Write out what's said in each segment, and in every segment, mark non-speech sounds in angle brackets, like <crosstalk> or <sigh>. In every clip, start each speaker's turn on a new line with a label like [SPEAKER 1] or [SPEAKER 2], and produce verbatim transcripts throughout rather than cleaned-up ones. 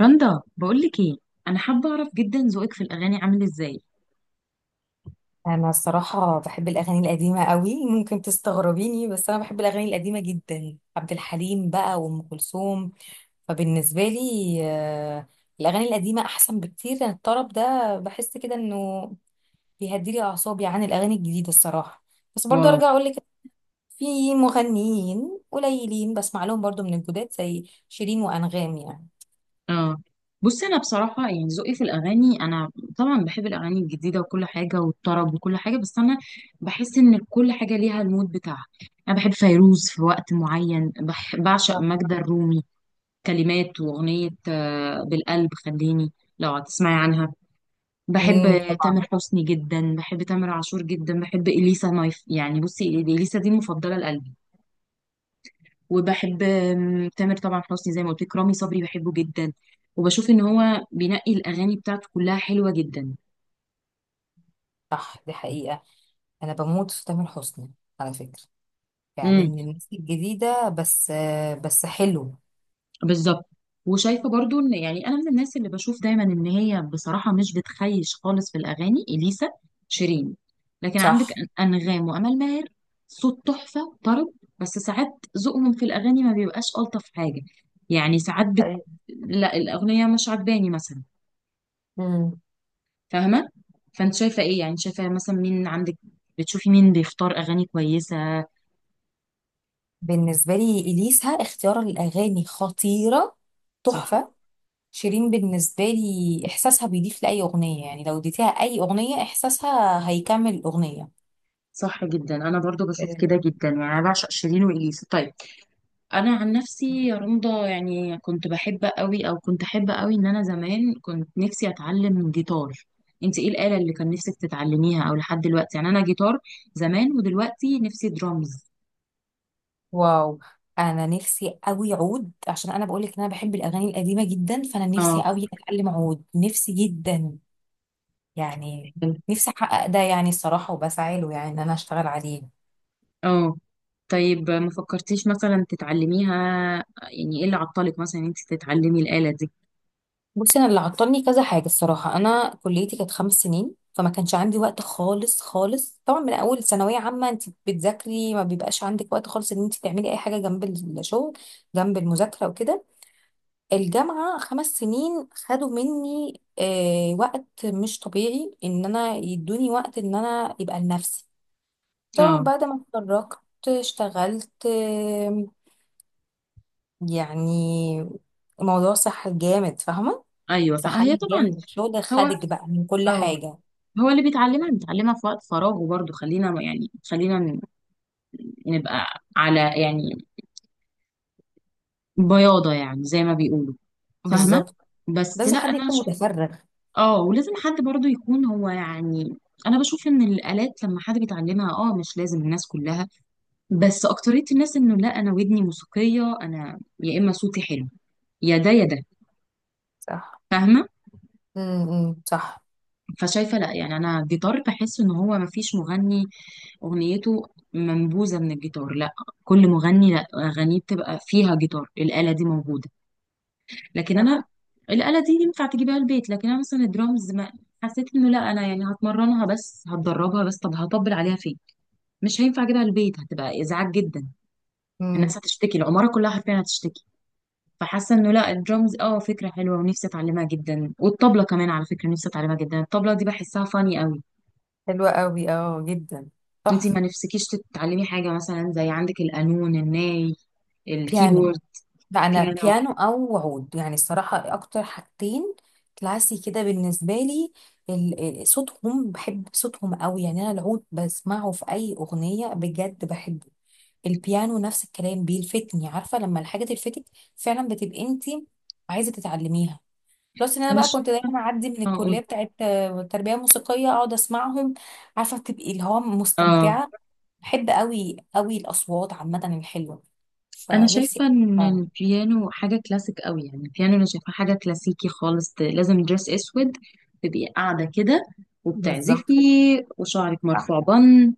[SPEAKER 1] رندا، بقولك ايه؟ انا حابه اعرف جدا ذوقك في الاغاني عامل ازاي؟
[SPEAKER 2] انا الصراحه بحب الاغاني القديمه قوي، ممكن تستغربيني بس انا بحب الاغاني القديمه جدا. عبد الحليم بقى وام كلثوم، فبالنسبه لي آه، الاغاني القديمه احسن بكتير. يعني الطرب ده بحس كده انه بيهديلي اعصابي عن الاغاني الجديده الصراحه. بس برضو
[SPEAKER 1] واو.
[SPEAKER 2] ارجع اقول لك، في مغنيين قليلين بسمع لهم برضو من الجداد زي شيرين وانغام يعني.
[SPEAKER 1] اه. بصي، انا بصراحه يعني ذوقي في الاغاني، انا طبعا بحب الاغاني الجديده وكل حاجه والطرب وكل حاجه، بس انا بحس ان كل حاجه ليها المود بتاعها. انا بحب فيروز في وقت معين، بح... بعشق
[SPEAKER 2] صح.
[SPEAKER 1] ماجدة الرومي. كلمات واغنيه آه، بالقلب خليني، لو هتسمعي عنها. بحب
[SPEAKER 2] امم، طبعا.
[SPEAKER 1] تامر حسني جدا، بحب تامر عاشور جدا، بحب اليسا نايف. يعني بصي، اليسا دي مفضله لقلبي. وبحب آم، تامر طبعا حسني زي ما قلت لك. رامي صبري بحبه جدا، وبشوف ان هو بينقي الاغاني بتاعته كلها حلوه جدا.
[SPEAKER 2] صح دي حقيقه، انا بموت في تامر حسني على فكره، يعني
[SPEAKER 1] امم.
[SPEAKER 2] من الناس الجديدة. بس بس حلو.
[SPEAKER 1] بالظبط. وشايفه برضو ان، يعني انا من الناس اللي بشوف دايما ان هي بصراحه مش بتخيش خالص في الاغاني، اليسا، شيرين. لكن عندك
[SPEAKER 2] صح.
[SPEAKER 1] أن- انغام وامال ماهر، صوت تحفه طرب. بس ساعات ذوقهم في الاغاني ما بيبقاش الطف حاجه، يعني ساعات بت...
[SPEAKER 2] حقيقي.
[SPEAKER 1] لا، الاغنيه مش عجباني مثلا.
[SPEAKER 2] مم.
[SPEAKER 1] فاهمة؟ فانت شايفة ايه؟ يعني شايفة مثلا مين عندك؟ بتشوفي مين بيختار اغاني كويسة؟
[SPEAKER 2] بالنسبة لي إليسا اختيار الأغاني خطيرة،
[SPEAKER 1] صح.
[SPEAKER 2] تحفة. شيرين بالنسبة لي إحساسها بيضيف لأي أغنية، يعني لو اديتيها أي أغنية إحساسها هيكمل الأغنية.
[SPEAKER 1] صح جدا، انا برضو بشوف
[SPEAKER 2] آه.
[SPEAKER 1] كده جدا، يعني انا بعشق شيرين واليسا. طيب. انا عن نفسي يا رندا، يعني كنت بحب قوي، او كنت احب قوي ان انا زمان كنت نفسي اتعلم جيتار. انت ايه الآلة اللي كان نفسك تتعلميها او لحد دلوقتي؟ يعني انا جيتار زمان، ودلوقتي نفسي درامز.
[SPEAKER 2] واو، أنا نفسي أوي عود، عشان أنا بقولك إن أنا بحب الأغاني القديمة جدا، فأنا نفسي
[SPEAKER 1] اه،
[SPEAKER 2] أوي أتعلم عود، نفسي جدا يعني. نفسي أحقق ده يعني الصراحة، وبسعى له يعني إن أنا أشتغل عليه.
[SPEAKER 1] اه. طيب، ما فكرتيش مثلا تتعلميها؟ يعني ايه اللي عطلك مثلا إن انت تتعلمي الآلة دي؟
[SPEAKER 2] بصي انا اللي عطلني كذا حاجه الصراحه. انا كليتي كانت خمس سنين، فما كانش عندي وقت خالص خالص. طبعا من اول ثانويه عامه انت بتذاكري، ما بيبقاش عندك وقت خالص ان انت تعملي اي حاجه جنب الشغل، جنب المذاكره وكده. الجامعه خمس سنين خدوا مني آه وقت مش طبيعي، ان انا يدوني وقت ان انا يبقى لنفسي. طبعا
[SPEAKER 1] اه.
[SPEAKER 2] بعد ما اتخرجت اشتغلت، آه، يعني الموضوع صح جامد، فاهمه.
[SPEAKER 1] ايوه، فهي
[SPEAKER 2] زحام جامد
[SPEAKER 1] طبعا.
[SPEAKER 2] من الشغل
[SPEAKER 1] هو
[SPEAKER 2] خدك بقى من كل
[SPEAKER 1] اه
[SPEAKER 2] حاجة.
[SPEAKER 1] هو اللي بيتعلمها بيتعلمها في وقت فراغه برضه، خلينا ما- يعني خلينا ن- نبقى على، يعني بياضة يعني، زي ما بيقولوا. فاهمة؟
[SPEAKER 2] بالظبط،
[SPEAKER 1] بس
[SPEAKER 2] لازم
[SPEAKER 1] لا،
[SPEAKER 2] حد
[SPEAKER 1] انا
[SPEAKER 2] يكون
[SPEAKER 1] شايف.
[SPEAKER 2] متفرغ.
[SPEAKER 1] اه، ولازم حد برضه يكون هو، يعني انا بشوف ان الآلات لما حد بيتعلمها، اه، مش لازم الناس كلها. بس أكترية الناس انه لا، انا ودني موسيقية، انا يا اما صوتي حلو، يا ده يا ده.
[SPEAKER 2] صح.
[SPEAKER 1] فاهمة؟
[SPEAKER 2] امم، صح.
[SPEAKER 1] فشايفة لا، يعني أنا الجيتار بحس إن هو مفيش مغني أغنيته منبوذة من الجيتار. لا، كل مغني، لا، أغانيه بتبقى فيها جيتار، الآلة دي موجودة. لكن أنا،
[SPEAKER 2] صح.
[SPEAKER 1] الآلة دي ينفع تجيبها البيت، لكن أنا مثلا الدرامز ما حسيت إنه، لا، أنا يعني هتمرنها بس، هتدربها بس، طب هطبل عليها فين؟ مش هينفع أجيبها البيت، هتبقى إزعاج جدا. الناس
[SPEAKER 2] امم.
[SPEAKER 1] هتشتكي، العمارة كلها حرفيا هتشتكي. فحاسه انه لا، الدرامز، اه، فكره حلوه ونفسي اتعلمها جدا، والطبله كمان على فكره نفسي اتعلمها جدا، الطبله دي بحسها فاني قوي.
[SPEAKER 2] حلوة قوي، اه جدا،
[SPEAKER 1] انتي
[SPEAKER 2] تحفة.
[SPEAKER 1] ما نفسكيش تتعلمي حاجة مثلا زي عندك القانون، الناي،
[SPEAKER 2] بيانو.
[SPEAKER 1] الكيبورد؟
[SPEAKER 2] لا انا
[SPEAKER 1] بيانو.
[SPEAKER 2] بيانو او عود يعني الصراحة، اكتر حاجتين كلاسي كده بالنسبة لي. ال- ال- صوتهم، بحب صوتهم قوي. يعني انا العود بسمعه في اي اغنية بجد بحبه. البيانو نفس الكلام بيلفتني، عارفة لما الحاجة تلفتك فعلا بتبقي انتي عايزة تتعلميها. بلس ان انا
[SPEAKER 1] انا
[SPEAKER 2] بقى كنت
[SPEAKER 1] شايفة.
[SPEAKER 2] دايما اعدي من
[SPEAKER 1] اه، قولي.
[SPEAKER 2] الكليه بتاعت آه، تربيه موسيقيه، اقعد اسمعهم. عارفه بتبقي اللي هو
[SPEAKER 1] اه،
[SPEAKER 2] مستمتعه. بحب قوي قوي الاصوات عامه الحلوه،
[SPEAKER 1] انا
[SPEAKER 2] فنفسي.
[SPEAKER 1] شايفة ان
[SPEAKER 2] آه،
[SPEAKER 1] البيانو حاجة كلاسيك قوي، يعني البيانو انا شايفة حاجة كلاسيكي خالص، ت- لازم دريس اسود، تبقي قاعدة كده
[SPEAKER 2] بالظبط.
[SPEAKER 1] وبتعزفي، وشعرك
[SPEAKER 2] صح.
[SPEAKER 1] مرفوع بن.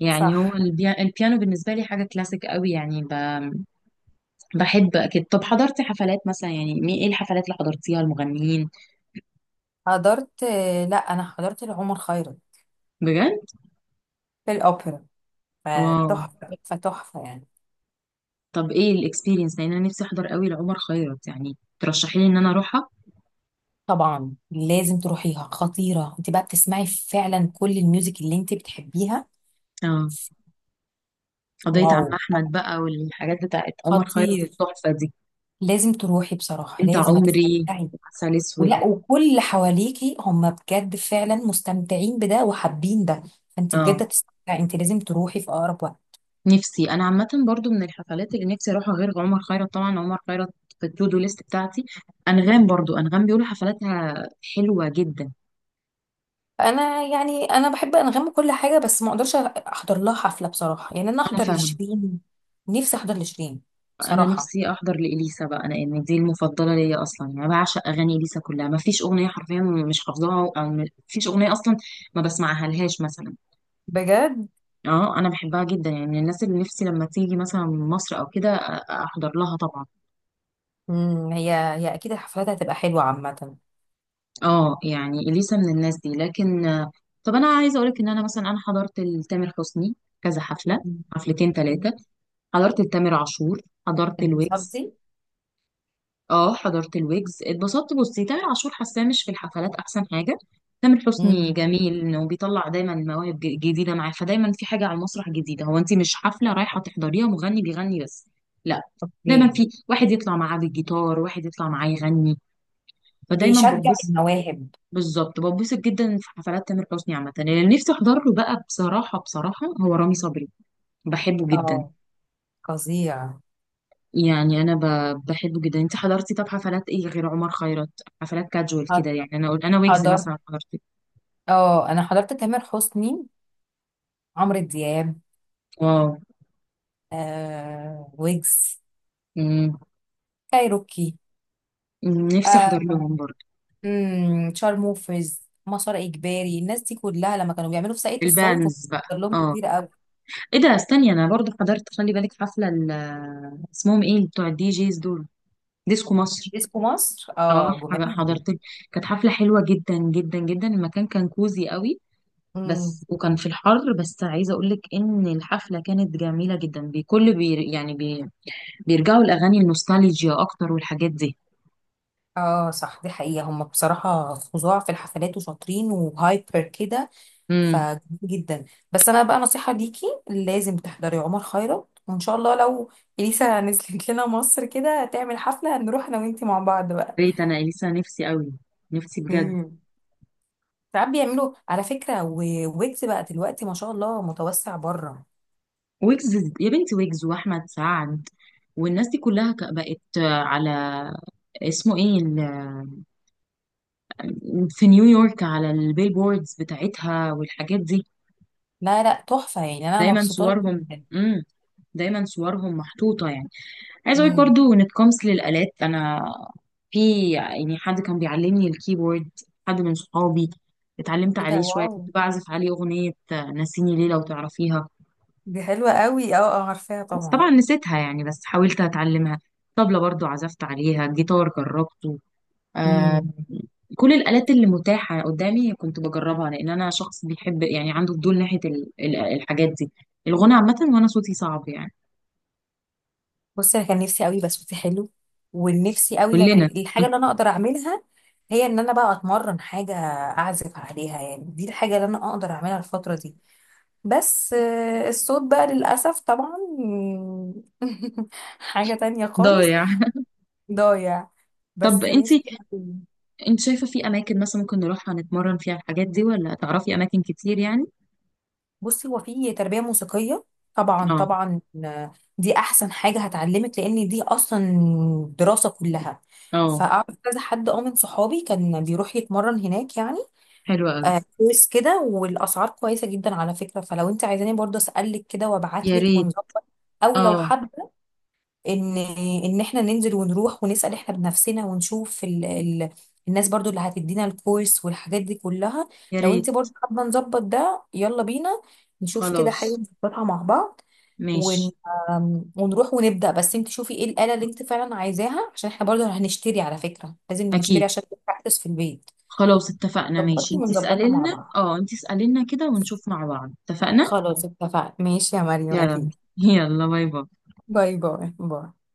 [SPEAKER 1] يعني هو
[SPEAKER 2] صح.
[SPEAKER 1] البيا- البيانو بالنسبة لي حاجة كلاسيك قوي، يعني ب... بحب أكيد. طب حضرتي حفلات مثلا، يعني مي- إيه الحفلات اللي حضرتيها المغنيين؟
[SPEAKER 2] حضرت، آه، لا انا حضرت لعمر خيرت
[SPEAKER 1] بجد؟
[SPEAKER 2] في الاوبرا،
[SPEAKER 1] واو.
[SPEAKER 2] فتحفه، فتحفه يعني.
[SPEAKER 1] طب ايه الاكسبيرينس؟ لان انا نفسي احضر قوي لعمر خيرت، يعني ترشحي لي ان انا اروحها.
[SPEAKER 2] طبعا لازم تروحيها، خطيره. انت بقى بتسمعي فعلا كل الميوزك اللي انت بتحبيها.
[SPEAKER 1] اه. قضية عم
[SPEAKER 2] واو،
[SPEAKER 1] احمد بقى والحاجات بتاعت عمر خيرت،
[SPEAKER 2] خطير.
[SPEAKER 1] التحفة دي،
[SPEAKER 2] لازم تروحي بصراحه،
[SPEAKER 1] انت
[SPEAKER 2] لازم
[SPEAKER 1] عمري،
[SPEAKER 2] هتستمتعي.
[SPEAKER 1] عسل اسود.
[SPEAKER 2] ولا وكل اللي حواليكي هم بجد فعلا مستمتعين بده وحابين ده، فانت
[SPEAKER 1] اه.
[SPEAKER 2] بجد تستمتعي. انت لازم تروحي في اقرب وقت.
[SPEAKER 1] نفسي انا عامة برضو من الحفلات اللي نفسي اروحها، غير عمر خيرت طبعا، عمر خيرت في التو دو ليست بتاعتي. انغام برضو، انغام بيقولوا حفلاتها حلوة جدا.
[SPEAKER 2] انا يعني انا بحب انغام وكل حاجه، بس ما اقدرش احضر لها حفله بصراحه. يعني انا
[SPEAKER 1] انا
[SPEAKER 2] احضر
[SPEAKER 1] فاهمة.
[SPEAKER 2] لشيرين، نفسي احضر لشيرين
[SPEAKER 1] انا
[SPEAKER 2] بصراحه
[SPEAKER 1] نفسي احضر لاليسا بقى، انا يعني دي المفضله ليا اصلا، يعني بعشق اغاني اليسا كلها، ما فيش اغنيه حرفيا مش حافظاها، او ما فيش اغنيه اصلا ما بسمعها لهاش مثلا.
[SPEAKER 2] بجد.
[SPEAKER 1] اه، انا بحبها جدا، يعني من الناس اللي نفسي لما تيجي مثلا من مصر او كده أ- احضر لها طبعا.
[SPEAKER 2] مم، هي هي اكيد الحفلات هتبقى حلوه عامه.
[SPEAKER 1] اه، يعني اليسا من الناس دي، لكن آه، طب انا عايزه اقولك ان انا مثلا انا حضرت لتامر حسني كذا حفله، حفلتين ثلاثه. حضرت لتامر عاشور، حضرت الويجز.
[SPEAKER 2] بالظبطي.
[SPEAKER 1] اه، حضرت الويجز، اتبسطت. بصي، تامر عاشور حاساه مش في الحفلات احسن حاجه. تامر حسني جميل انه بيطلع دايما مواهب ج- جديده معاه، فدايما في حاجه على المسرح جديده، هو انت مش حفله رايحه تحضريها مغني بيغني بس. لا، دايما
[SPEAKER 2] اوكي.
[SPEAKER 1] في واحد يطلع معاه بالجيتار، واحد يطلع معاه يغني، فدايما
[SPEAKER 2] بيشجع
[SPEAKER 1] ببسط.
[SPEAKER 2] المواهب.
[SPEAKER 1] بالظبط، ببسط جدا في حفلات تامر حسني عامه. اللي نفسي احضر له بقى بصراحه، بصراحه هو رامي صبري، بحبه جدا.
[SPEAKER 2] اه، فظيع.
[SPEAKER 1] يعني انا ب- بحبه جدا. انت حضرتي طب حفلات ايه غير عمر خيرت؟ حفلات كاجوال كده
[SPEAKER 2] حض-
[SPEAKER 1] يعني، انا اقول انا ويجز
[SPEAKER 2] حضرت،
[SPEAKER 1] مثلا حضرته.
[SPEAKER 2] اه انا حضرت تامر حسني، عمرو دياب،
[SPEAKER 1] واو.
[SPEAKER 2] آه ويجز.
[SPEAKER 1] مم.
[SPEAKER 2] كايروكي.
[SPEAKER 1] مم. نفسي احضر
[SPEAKER 2] آه.
[SPEAKER 1] لهم برضه،
[SPEAKER 2] مم، شارموفرز، مسار اجباري، الناس دي كلها لما كانوا بيعملوا في ساقية الصاوي كنت
[SPEAKER 1] البانز بقى.
[SPEAKER 2] بحضر لهم
[SPEAKER 1] اه.
[SPEAKER 2] كتير قوي.
[SPEAKER 1] ايه ده؟ استني، انا برضه حضرت، خلي بالك، حفله ال- اسمهم ايه بتوع الدي جيز دول، ديسكو مصر.
[SPEAKER 2] ديسكو مصر،
[SPEAKER 1] اه،
[SPEAKER 2] اه جمال.
[SPEAKER 1] حاجة- حضرت. كانت حفله حلوه جدا جدا جدا، المكان كان كوزي قوي،
[SPEAKER 2] امم.
[SPEAKER 1] بس وكان في الحر. بس عايزه اقول لك ان الحفله كانت جميله جدا بكل بي، يعني بيرجعوا الأغاني النوستالجيا أكتر والحاجات دي.
[SPEAKER 2] اه صح، دي حقيقة هم بصراحة فظاع في الحفلات وشاطرين وهايبر كده،
[SPEAKER 1] امم.
[SPEAKER 2] فجميل جدا. بس انا بقى نصيحة ليكي، لازم تحضري عمر خيرت. وان شاء الله لو اليسا نزلت <laughs> لنا مصر كده تعمل حفلة، هنروح انا وانتي مع بعض بقى.
[SPEAKER 1] ريت أنا إليسا نفسي قوي، نفسي بجد.
[SPEAKER 2] مم. ساعات بيعملوا على فكرة، و- ويجز بقى دلوقتي ما شاء الله متوسع بره.
[SPEAKER 1] ويجز يا بنتي، ويجز وأحمد سعد والناس دي كلها ك- بقت على، اسمه ايه ال- في نيويورك على البيلبوردز بتاعتها والحاجات دي.
[SPEAKER 2] لا لا، تحفة يعني، أنا
[SPEAKER 1] دايما
[SPEAKER 2] مبسوطة له
[SPEAKER 1] صورهم
[SPEAKER 2] جدا.
[SPEAKER 1] امم دايما صورهم محطوطة، يعني عايزه اقول
[SPEAKER 2] امم.
[SPEAKER 1] برضو when it comes للآلات، انا في يعني حد كان بيعلمني الكيبورد، حد من صحابي، اتعلمت
[SPEAKER 2] ايه ده،
[SPEAKER 1] عليه شويه، كنت
[SPEAKER 2] واو،
[SPEAKER 1] بعزف عليه اغنيه آه، نسيني ليه، لو تعرفيها.
[SPEAKER 2] دي حلوة قوي، اه اه عارفاها
[SPEAKER 1] بس
[SPEAKER 2] طبعا.
[SPEAKER 1] طبعا نسيتها يعني، بس حاولت اتعلمها. طبلة برضو عزفت عليها، جيتار جربته. آه
[SPEAKER 2] امم.
[SPEAKER 1] كل الآلات اللي متاحة قدامي كنت بجربها، لأن أنا شخص بيحب يعني عنده فضول ناحية ال- ال- الحاجات دي، الغنى عامة. وأنا صوتي صعب يعني.
[SPEAKER 2] بصي أنا كان نفسي قوي بس صوتي حلو، ونفسي قوي
[SPEAKER 1] كلنا
[SPEAKER 2] يعني الحاجة
[SPEAKER 1] <laughs>
[SPEAKER 2] اللي أنا أقدر أعملها هي إن أنا بقى أتمرن حاجة أعزف عليها. يعني دي الحاجة اللي أنا أقدر أعملها الفترة دي. بس آه، الصوت بقى للأسف طبعا <laughs> حاجة تانية خالص.
[SPEAKER 1] ضايع.
[SPEAKER 2] ضايع.
[SPEAKER 1] طب
[SPEAKER 2] بس
[SPEAKER 1] انت
[SPEAKER 2] نفسي أوي.
[SPEAKER 1] انت شايفة في اماكن مثلا ممكن نروحها نتمرن فيها الحاجات دي، ولا تعرفي اماكن كتير يعني؟
[SPEAKER 2] بصي هو في تربية موسيقية، طبعا
[SPEAKER 1] اه،
[SPEAKER 2] طبعا. آه، دي احسن حاجة هتعلمك، لان دي اصلا دراسة كلها.
[SPEAKER 1] اه.
[SPEAKER 2] فاعرف كذا حد اه من صحابي كان بيروح يتمرن هناك يعني.
[SPEAKER 1] حلوة قوي.
[SPEAKER 2] آه، كويس كده. والاسعار كويسة جدا على فكرة، فلو انت عايزاني برضه اسألك كده
[SPEAKER 1] يا
[SPEAKER 2] وابعتلك
[SPEAKER 1] ريت.
[SPEAKER 2] ونظبط. او لو
[SPEAKER 1] اه،
[SPEAKER 2] حد، ان ان احنا ننزل ونروح ونسال احنا بنفسنا ونشوف ال... ال... الناس برضو اللي هتدينا الكورس والحاجات دي كلها.
[SPEAKER 1] يا
[SPEAKER 2] لو
[SPEAKER 1] ريت.
[SPEAKER 2] انت برضو حابه نظبط ده، يلا بينا، نشوف كده
[SPEAKER 1] خلاص،
[SPEAKER 2] حاجه نظبطها مع بعض.
[SPEAKER 1] ماشي.
[SPEAKER 2] ون... آم، ونروح ونبدا. بس انت شوفي ايه الاله اللي انت فعلا عايزاها، عشان احنا برضو هنشتري على فكره، لازم نشتري
[SPEAKER 1] اكيد.
[SPEAKER 2] عشان نبراكتس في البيت.
[SPEAKER 1] خلاص اتفقنا ماشي،
[SPEAKER 2] ظبطي
[SPEAKER 1] انت
[SPEAKER 2] ونظبطها
[SPEAKER 1] اسألي
[SPEAKER 2] مع
[SPEAKER 1] لنا
[SPEAKER 2] بعض.
[SPEAKER 1] اه انت اسألي لنا كده، ونشوف مع بعض، اتفقنا؟
[SPEAKER 2] خلاص اتفقنا ماشي يا مريم،
[SPEAKER 1] يلا،
[SPEAKER 2] اكيد.
[SPEAKER 1] يلا باي باي.
[SPEAKER 2] باي باي باي.